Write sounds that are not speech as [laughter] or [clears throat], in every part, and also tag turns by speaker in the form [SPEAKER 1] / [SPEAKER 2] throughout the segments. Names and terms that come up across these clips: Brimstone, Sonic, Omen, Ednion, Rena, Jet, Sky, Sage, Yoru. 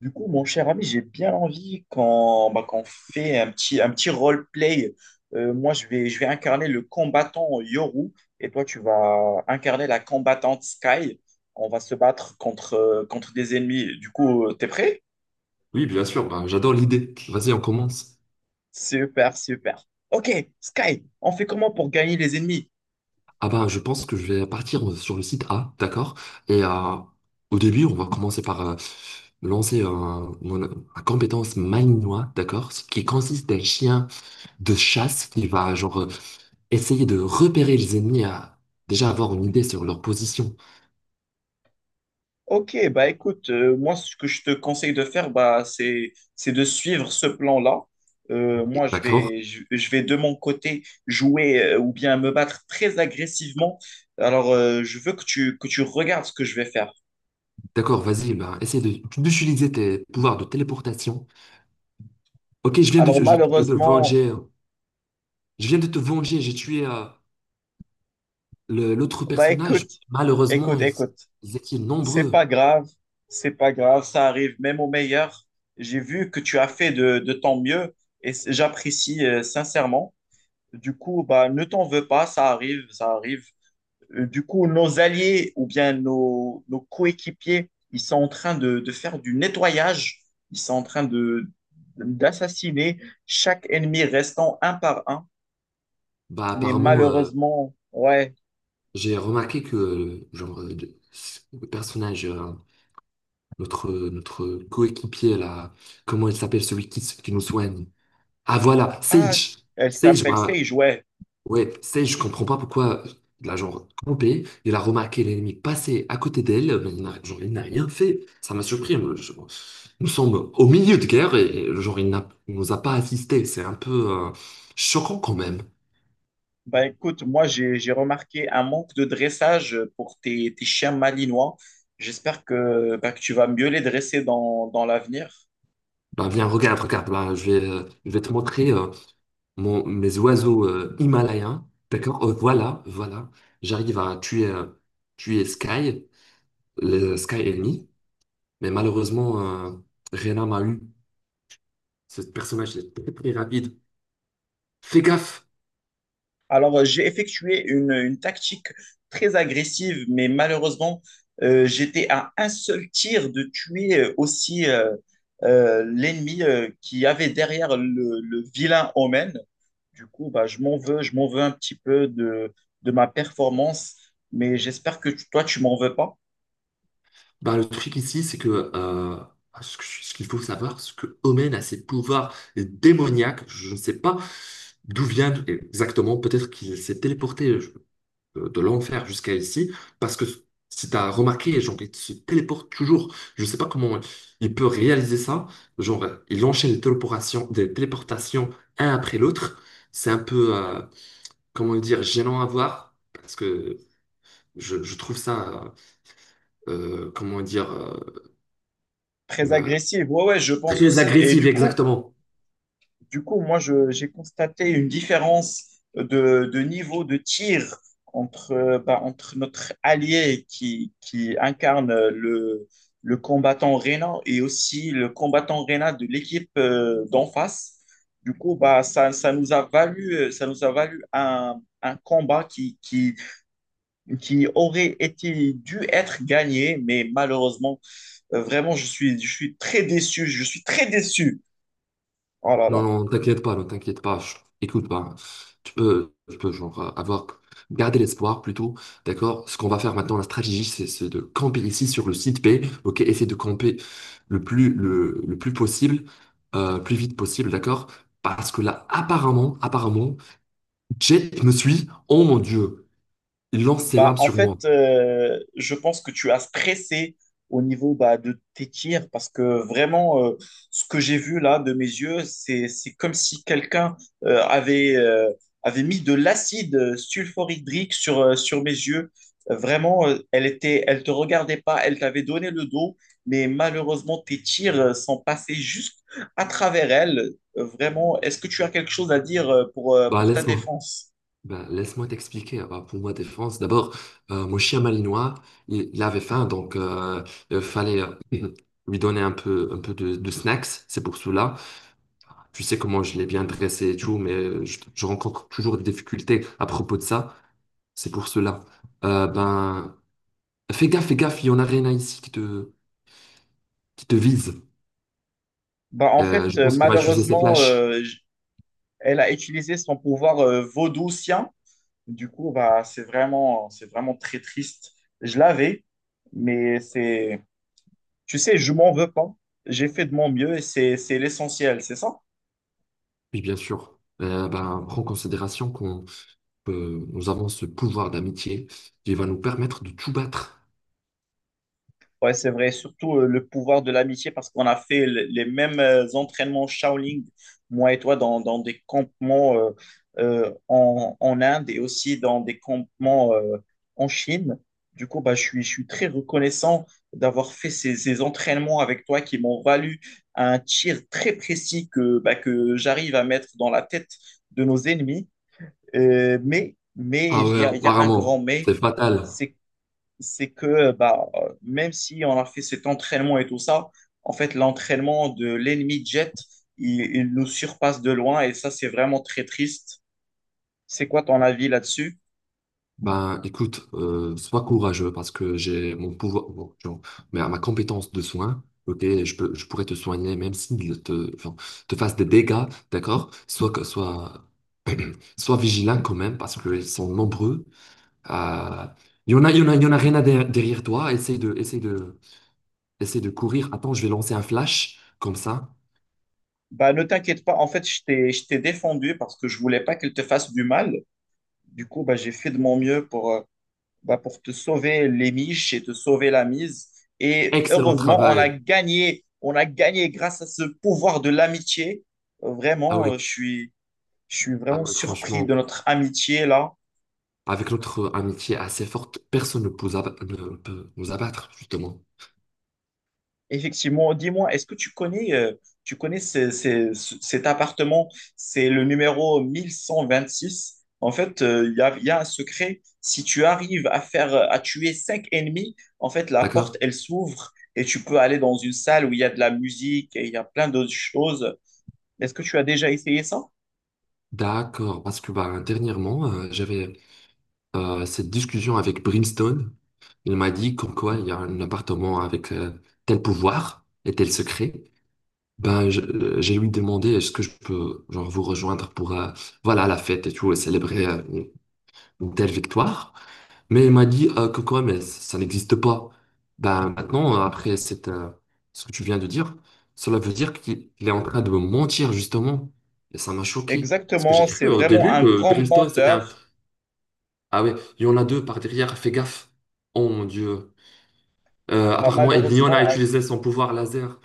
[SPEAKER 1] Du coup, mon cher ami, j'ai bien envie qu'on fait un petit roleplay. Moi, je vais incarner le combattant Yoru et toi, tu vas incarner la combattante Sky. On va se battre contre, contre des ennemis. Du coup, t'es prêt?
[SPEAKER 2] Oui, bien sûr, bah, j'adore l'idée. Vas-y, on commence.
[SPEAKER 1] Super, super. Ok, Sky, on fait comment pour gagner les ennemis?
[SPEAKER 2] Ah bah, je pense que je vais partir sur le site A, d'accord? Et euh, Au début, on va commencer par lancer un compétence malinois, d'accord? Ce qui consiste d'un chien de chasse qui va genre essayer de repérer les ennemis à déjà avoir une idée sur leur position,
[SPEAKER 1] Ok, bah écoute, moi ce que je te conseille de faire, bah c'est de suivre ce plan-là. Moi
[SPEAKER 2] d'accord?
[SPEAKER 1] je vais de mon côté jouer ou bien me battre très agressivement. Alors je veux que tu regardes ce que je vais faire.
[SPEAKER 2] D'accord, vas-y, bah, d'utiliser tes pouvoirs de téléportation. Ok, je viens de,
[SPEAKER 1] Alors
[SPEAKER 2] je- de te
[SPEAKER 1] malheureusement,
[SPEAKER 2] venger. Je viens de te venger, j'ai tué. L'autre
[SPEAKER 1] bah
[SPEAKER 2] personnage,
[SPEAKER 1] écoute,
[SPEAKER 2] malheureusement,
[SPEAKER 1] écoute, écoute,
[SPEAKER 2] ils étaient
[SPEAKER 1] c'est pas
[SPEAKER 2] nombreux.
[SPEAKER 1] grave, c'est pas grave, ça arrive même au meilleur. J'ai vu que tu as fait de ton mieux et j'apprécie, sincèrement. Du coup, bah ne t'en veux pas, ça arrive, ça arrive. Du coup, nos alliés ou bien nos coéquipiers, ils sont en train de faire du nettoyage, ils sont en train de d'assassiner chaque ennemi restant un par un.
[SPEAKER 2] Bah,
[SPEAKER 1] Mais
[SPEAKER 2] apparemment,
[SPEAKER 1] malheureusement, ouais.
[SPEAKER 2] j'ai remarqué que genre, le personnage, notre coéquipier, là, comment il s'appelle, celui qui nous soigne? Ah voilà,
[SPEAKER 1] Ah,
[SPEAKER 2] Sage.
[SPEAKER 1] elle
[SPEAKER 2] Sage,
[SPEAKER 1] s'appelle
[SPEAKER 2] bah,
[SPEAKER 1] Sage, ouais.
[SPEAKER 2] ouais, c'est, je comprends pas pourquoi la genre campé, il a remarqué l'ennemi passer à côté d'elle, mais il n'a genre, il n'a rien fait. Ça m'a surpris. Nous sommes au milieu de guerre et genre il n'a, il nous a pas assisté. C'est un peu choquant quand même.
[SPEAKER 1] Bah écoute, moi j'ai remarqué un manque de dressage pour tes chiens malinois. J'espère que, bah, que tu vas mieux les dresser dans l'avenir.
[SPEAKER 2] Bah, viens, regarde, regarde, là, je vais te montrer mes oiseaux himalayens. D'accord? Voilà, voilà. J'arrive à tuer, tuer Sky, le Sky ennemi, mais malheureusement, euh, Rena m'a eu. Ce personnage est très très rapide. Fais gaffe.
[SPEAKER 1] Alors, j'ai effectué une tactique très agressive, mais malheureusement, j'étais à un seul tir de tuer aussi l'ennemi qui avait derrière le vilain Omen. Du coup, bah, je m'en veux un petit peu de ma performance, mais j'espère que toi, tu m'en veux pas.
[SPEAKER 2] Bah, le truc ici, c'est que euh, ce qu'il faut savoir, ce que Omen a ses pouvoirs démoniaques. Je ne sais pas d'où viennent exactement. Peut-être qu'il s'est téléporté de l'enfer jusqu'à ici. Parce que si tu as remarqué, genre, il se téléporte toujours. Je ne sais pas comment il peut réaliser ça. Genre, il enchaîne les téléportations, des téléportations un après l'autre. C'est un peu, comment dire, gênant à voir. Parce que je trouve ça. Comment dire
[SPEAKER 1] Très
[SPEAKER 2] Bah,
[SPEAKER 1] agressive, ouais, ouais, je pense
[SPEAKER 2] très
[SPEAKER 1] aussi. Et
[SPEAKER 2] agressive,
[SPEAKER 1] du coup,
[SPEAKER 2] exactement.
[SPEAKER 1] du coup, moi, j'ai constaté une différence de niveau de tir entre, bah, entre notre allié qui incarne le combattant Rena et aussi le combattant Rena de l'équipe d'en face. Du coup, bah, ça nous a valu, ça nous a valu un combat qui aurait été dû être gagné, mais malheureusement, vraiment, je suis très déçu. Je suis très déçu. Oh là là.
[SPEAKER 2] Non, non, t'inquiète pas, ne t'inquiète pas, écoute pas. Tu peux genre avoir garder l'espoir plutôt, d'accord? Ce qu'on va faire maintenant, la stratégie, c'est de camper ici sur le site B, ok? Essayer de camper le plus possible, plus vite possible, d'accord? Parce que là, apparemment, Jet me suit. Oh mon Dieu, il lance ses
[SPEAKER 1] Bah,
[SPEAKER 2] lames
[SPEAKER 1] en
[SPEAKER 2] sur moi.
[SPEAKER 1] fait, je pense que tu as stressé au niveau bah, de tes tirs parce que vraiment, ce que j'ai vu là de mes yeux, c'est comme si quelqu'un avait, avait mis de l'acide sulfurhydrique sur, sur mes yeux. Vraiment, elle était, elle te regardait pas, elle t'avait donné le dos, mais malheureusement, tes tirs sont passés juste à travers elle. Vraiment, est-ce que tu as quelque chose à dire,
[SPEAKER 2] Bah
[SPEAKER 1] pour ta
[SPEAKER 2] laisse-moi.
[SPEAKER 1] défense?
[SPEAKER 2] Ben, laisse-moi t'expliquer. Ah bah, pour ma défense, d'abord, mon chien malinois, il avait faim, donc fallait euh, [clears throat] lui donner un peu, de snacks. C'est pour cela. Tu sais comment je l'ai bien dressé et tout, mais je rencontre toujours des difficultés à propos de ça. C'est pour cela. Ben, fais gaffe, il y en a rien ici qui te vise.
[SPEAKER 1] Bah, en fait,
[SPEAKER 2] Je pense qu'il va utiliser ses
[SPEAKER 1] malheureusement,
[SPEAKER 2] flashs.
[SPEAKER 1] elle a utilisé son pouvoir, vaudoucien. Du coup, bah, c'est vraiment très triste. Je l'avais, mais c'est, tu sais, je m'en veux pas. J'ai fait de mon mieux et c'est l'essentiel, c'est ça?
[SPEAKER 2] Oui, bien sûr. Ben, prends en considération qu'on que nous avons ce pouvoir d'amitié qui va nous permettre de tout battre.
[SPEAKER 1] Ouais, c'est vrai, surtout le pouvoir de l'amitié, parce qu'on a fait les mêmes entraînements Shaolin, moi et toi, dans des campements en Inde et aussi dans des campements en Chine. Du coup, bah, je suis très reconnaissant d'avoir fait ces entraînements avec toi qui m'ont valu un tir très précis que, bah, que j'arrive à mettre dans la tête de nos ennemis. Mais
[SPEAKER 2] Ah ouais,
[SPEAKER 1] il y a un
[SPEAKER 2] apparemment,
[SPEAKER 1] grand mais,
[SPEAKER 2] c'est fatal.
[SPEAKER 1] c'est c'est que bah, même si on a fait cet entraînement et tout ça, en fait, l'entraînement de l'ennemi Jet, il nous surpasse de loin et ça, c'est vraiment très triste. C'est quoi ton avis là-dessus?
[SPEAKER 2] Ben, écoute, sois courageux parce que j'ai mon pouvoir, bon, genre, mais à ma compétence de soin, ok, je pourrais te soigner même s'il te, enfin, te fasse des dégâts, d'accord? Sois, [clears throat] sois vigilant quand même parce qu'ils sont nombreux. Euh, il y en a rien à derrière derrière toi. Essaie de courir. Attends, je vais lancer un flash comme ça.
[SPEAKER 1] Bah, ne t'inquiète pas, en fait, je t'ai défendu parce que je voulais pas qu'elle te fasse du mal. Du coup, bah, j'ai fait de mon mieux pour, bah, pour te sauver les miches et te sauver la mise. Et
[SPEAKER 2] Excellent
[SPEAKER 1] heureusement, on a
[SPEAKER 2] travail.
[SPEAKER 1] gagné. On a gagné grâce à ce pouvoir de l'amitié.
[SPEAKER 2] Ah
[SPEAKER 1] Vraiment,
[SPEAKER 2] oui,
[SPEAKER 1] je suis
[SPEAKER 2] ah
[SPEAKER 1] vraiment
[SPEAKER 2] oui,
[SPEAKER 1] surpris
[SPEAKER 2] franchement,
[SPEAKER 1] de notre amitié là.
[SPEAKER 2] avec notre amitié assez forte, personne ne peut nous abattre, justement.
[SPEAKER 1] Effectivement, dis-moi, est-ce que tu connais cet appartement? C'est le numéro 1126. En fait, il y a un secret. Si tu arrives à faire, à tuer cinq ennemis, en fait, la porte,
[SPEAKER 2] D'accord?
[SPEAKER 1] elle s'ouvre et tu peux aller dans une salle où il y a de la musique et il y a plein d'autres choses. Est-ce que tu as déjà essayé ça?
[SPEAKER 2] D'accord, parce que bah, dernièrement, j'avais cette discussion avec Brimstone. Il m'a dit comme quoi il y a un appartement avec tel pouvoir et tel secret. Ben, j'ai lui demandé est-ce que je peux genre, vous rejoindre pour voilà, la fête et tout, et célébrer une telle victoire. Mais il m'a dit que quoi, mais ça n'existe pas. Ben maintenant, après ce que tu viens de dire, cela veut dire qu'il il est en train de me mentir, justement. Et ça m'a choqué. Parce que j'ai
[SPEAKER 1] Exactement, c'est
[SPEAKER 2] cru au
[SPEAKER 1] vraiment
[SPEAKER 2] début
[SPEAKER 1] un
[SPEAKER 2] que
[SPEAKER 1] grand
[SPEAKER 2] Bristol, c'était
[SPEAKER 1] menteur.
[SPEAKER 2] un... Ah ouais, il y en a deux par derrière, fais gaffe. Oh mon Dieu.
[SPEAKER 1] Bah,
[SPEAKER 2] Apparemment, Ednion a
[SPEAKER 1] malheureusement,
[SPEAKER 2] utilisé son pouvoir laser.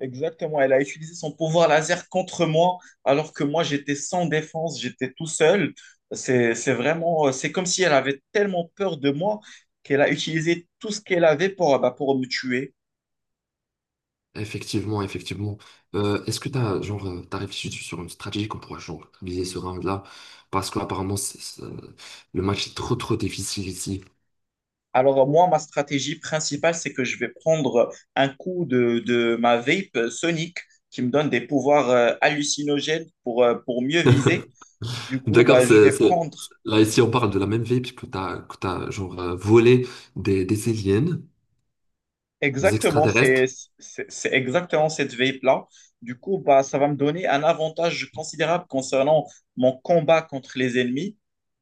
[SPEAKER 1] exactement, elle a utilisé son pouvoir laser contre moi, alors que moi j'étais sans défense, j'étais tout seul. C'est vraiment, c'est comme si elle avait tellement peur de moi qu'elle a utilisé tout ce qu'elle avait pour, bah, pour me tuer.
[SPEAKER 2] Effectivement, effectivement. Est-ce que t'as, genre, t'as réfléchi sur une stratégie qu'on pourrait, genre, viser ce round-là? Parce qu'apparemment, le match est trop, trop difficile ici.
[SPEAKER 1] Alors moi, ma stratégie principale, c'est que je vais prendre un coup de ma vape Sonic qui me donne des pouvoirs hallucinogènes pour mieux viser. Du coup,
[SPEAKER 2] D'accord,
[SPEAKER 1] bah, je
[SPEAKER 2] c'est,
[SPEAKER 1] vais
[SPEAKER 2] c'est-
[SPEAKER 1] prendre
[SPEAKER 2] là ici on parle de la même vie que t'as genre volé des aliens, des
[SPEAKER 1] exactement,
[SPEAKER 2] extraterrestres.
[SPEAKER 1] c'est exactement cette vape-là. Du coup, bah, ça va me donner un avantage considérable concernant mon combat contre les ennemis.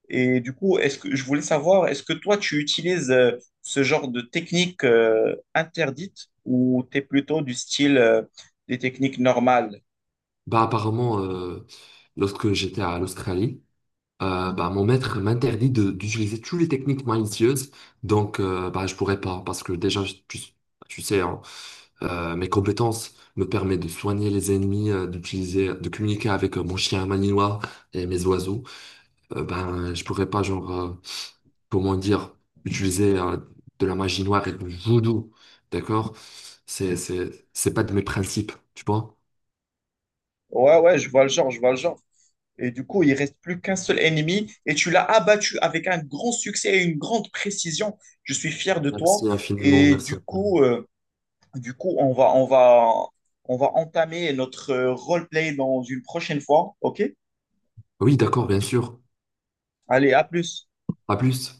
[SPEAKER 1] Et du coup, est-ce que je voulais savoir, est-ce que toi, tu utilises, ce genre de technique interdite ou tu es plutôt du style des techniques normales?
[SPEAKER 2] Bah apparemment, lorsque j'étais à l'Australie, bah mon maître m'interdit d'utiliser toutes les techniques malicieuses, donc bah je pourrais pas parce que déjà tu sais hein, mes compétences me permettent de soigner les ennemis, de communiquer avec mon chien malinois et mes oiseaux. Ben, je pourrais pas, genre, comment dire, utiliser de la magie noire et du voodoo, d'accord? C'est pas de mes principes, tu vois?
[SPEAKER 1] Ouais, ouais, je vois le genre, je vois le genre. Et du coup, il reste plus qu'un seul ennemi et tu l'as abattu avec un grand succès et une grande précision. Je suis fier de toi.
[SPEAKER 2] Merci infiniment,
[SPEAKER 1] Et
[SPEAKER 2] merci
[SPEAKER 1] du
[SPEAKER 2] infiniment.
[SPEAKER 1] coup, on va, on va entamer notre roleplay dans une prochaine fois. OK?
[SPEAKER 2] Oui, d'accord, bien sûr.
[SPEAKER 1] Allez, à plus.
[SPEAKER 2] À plus.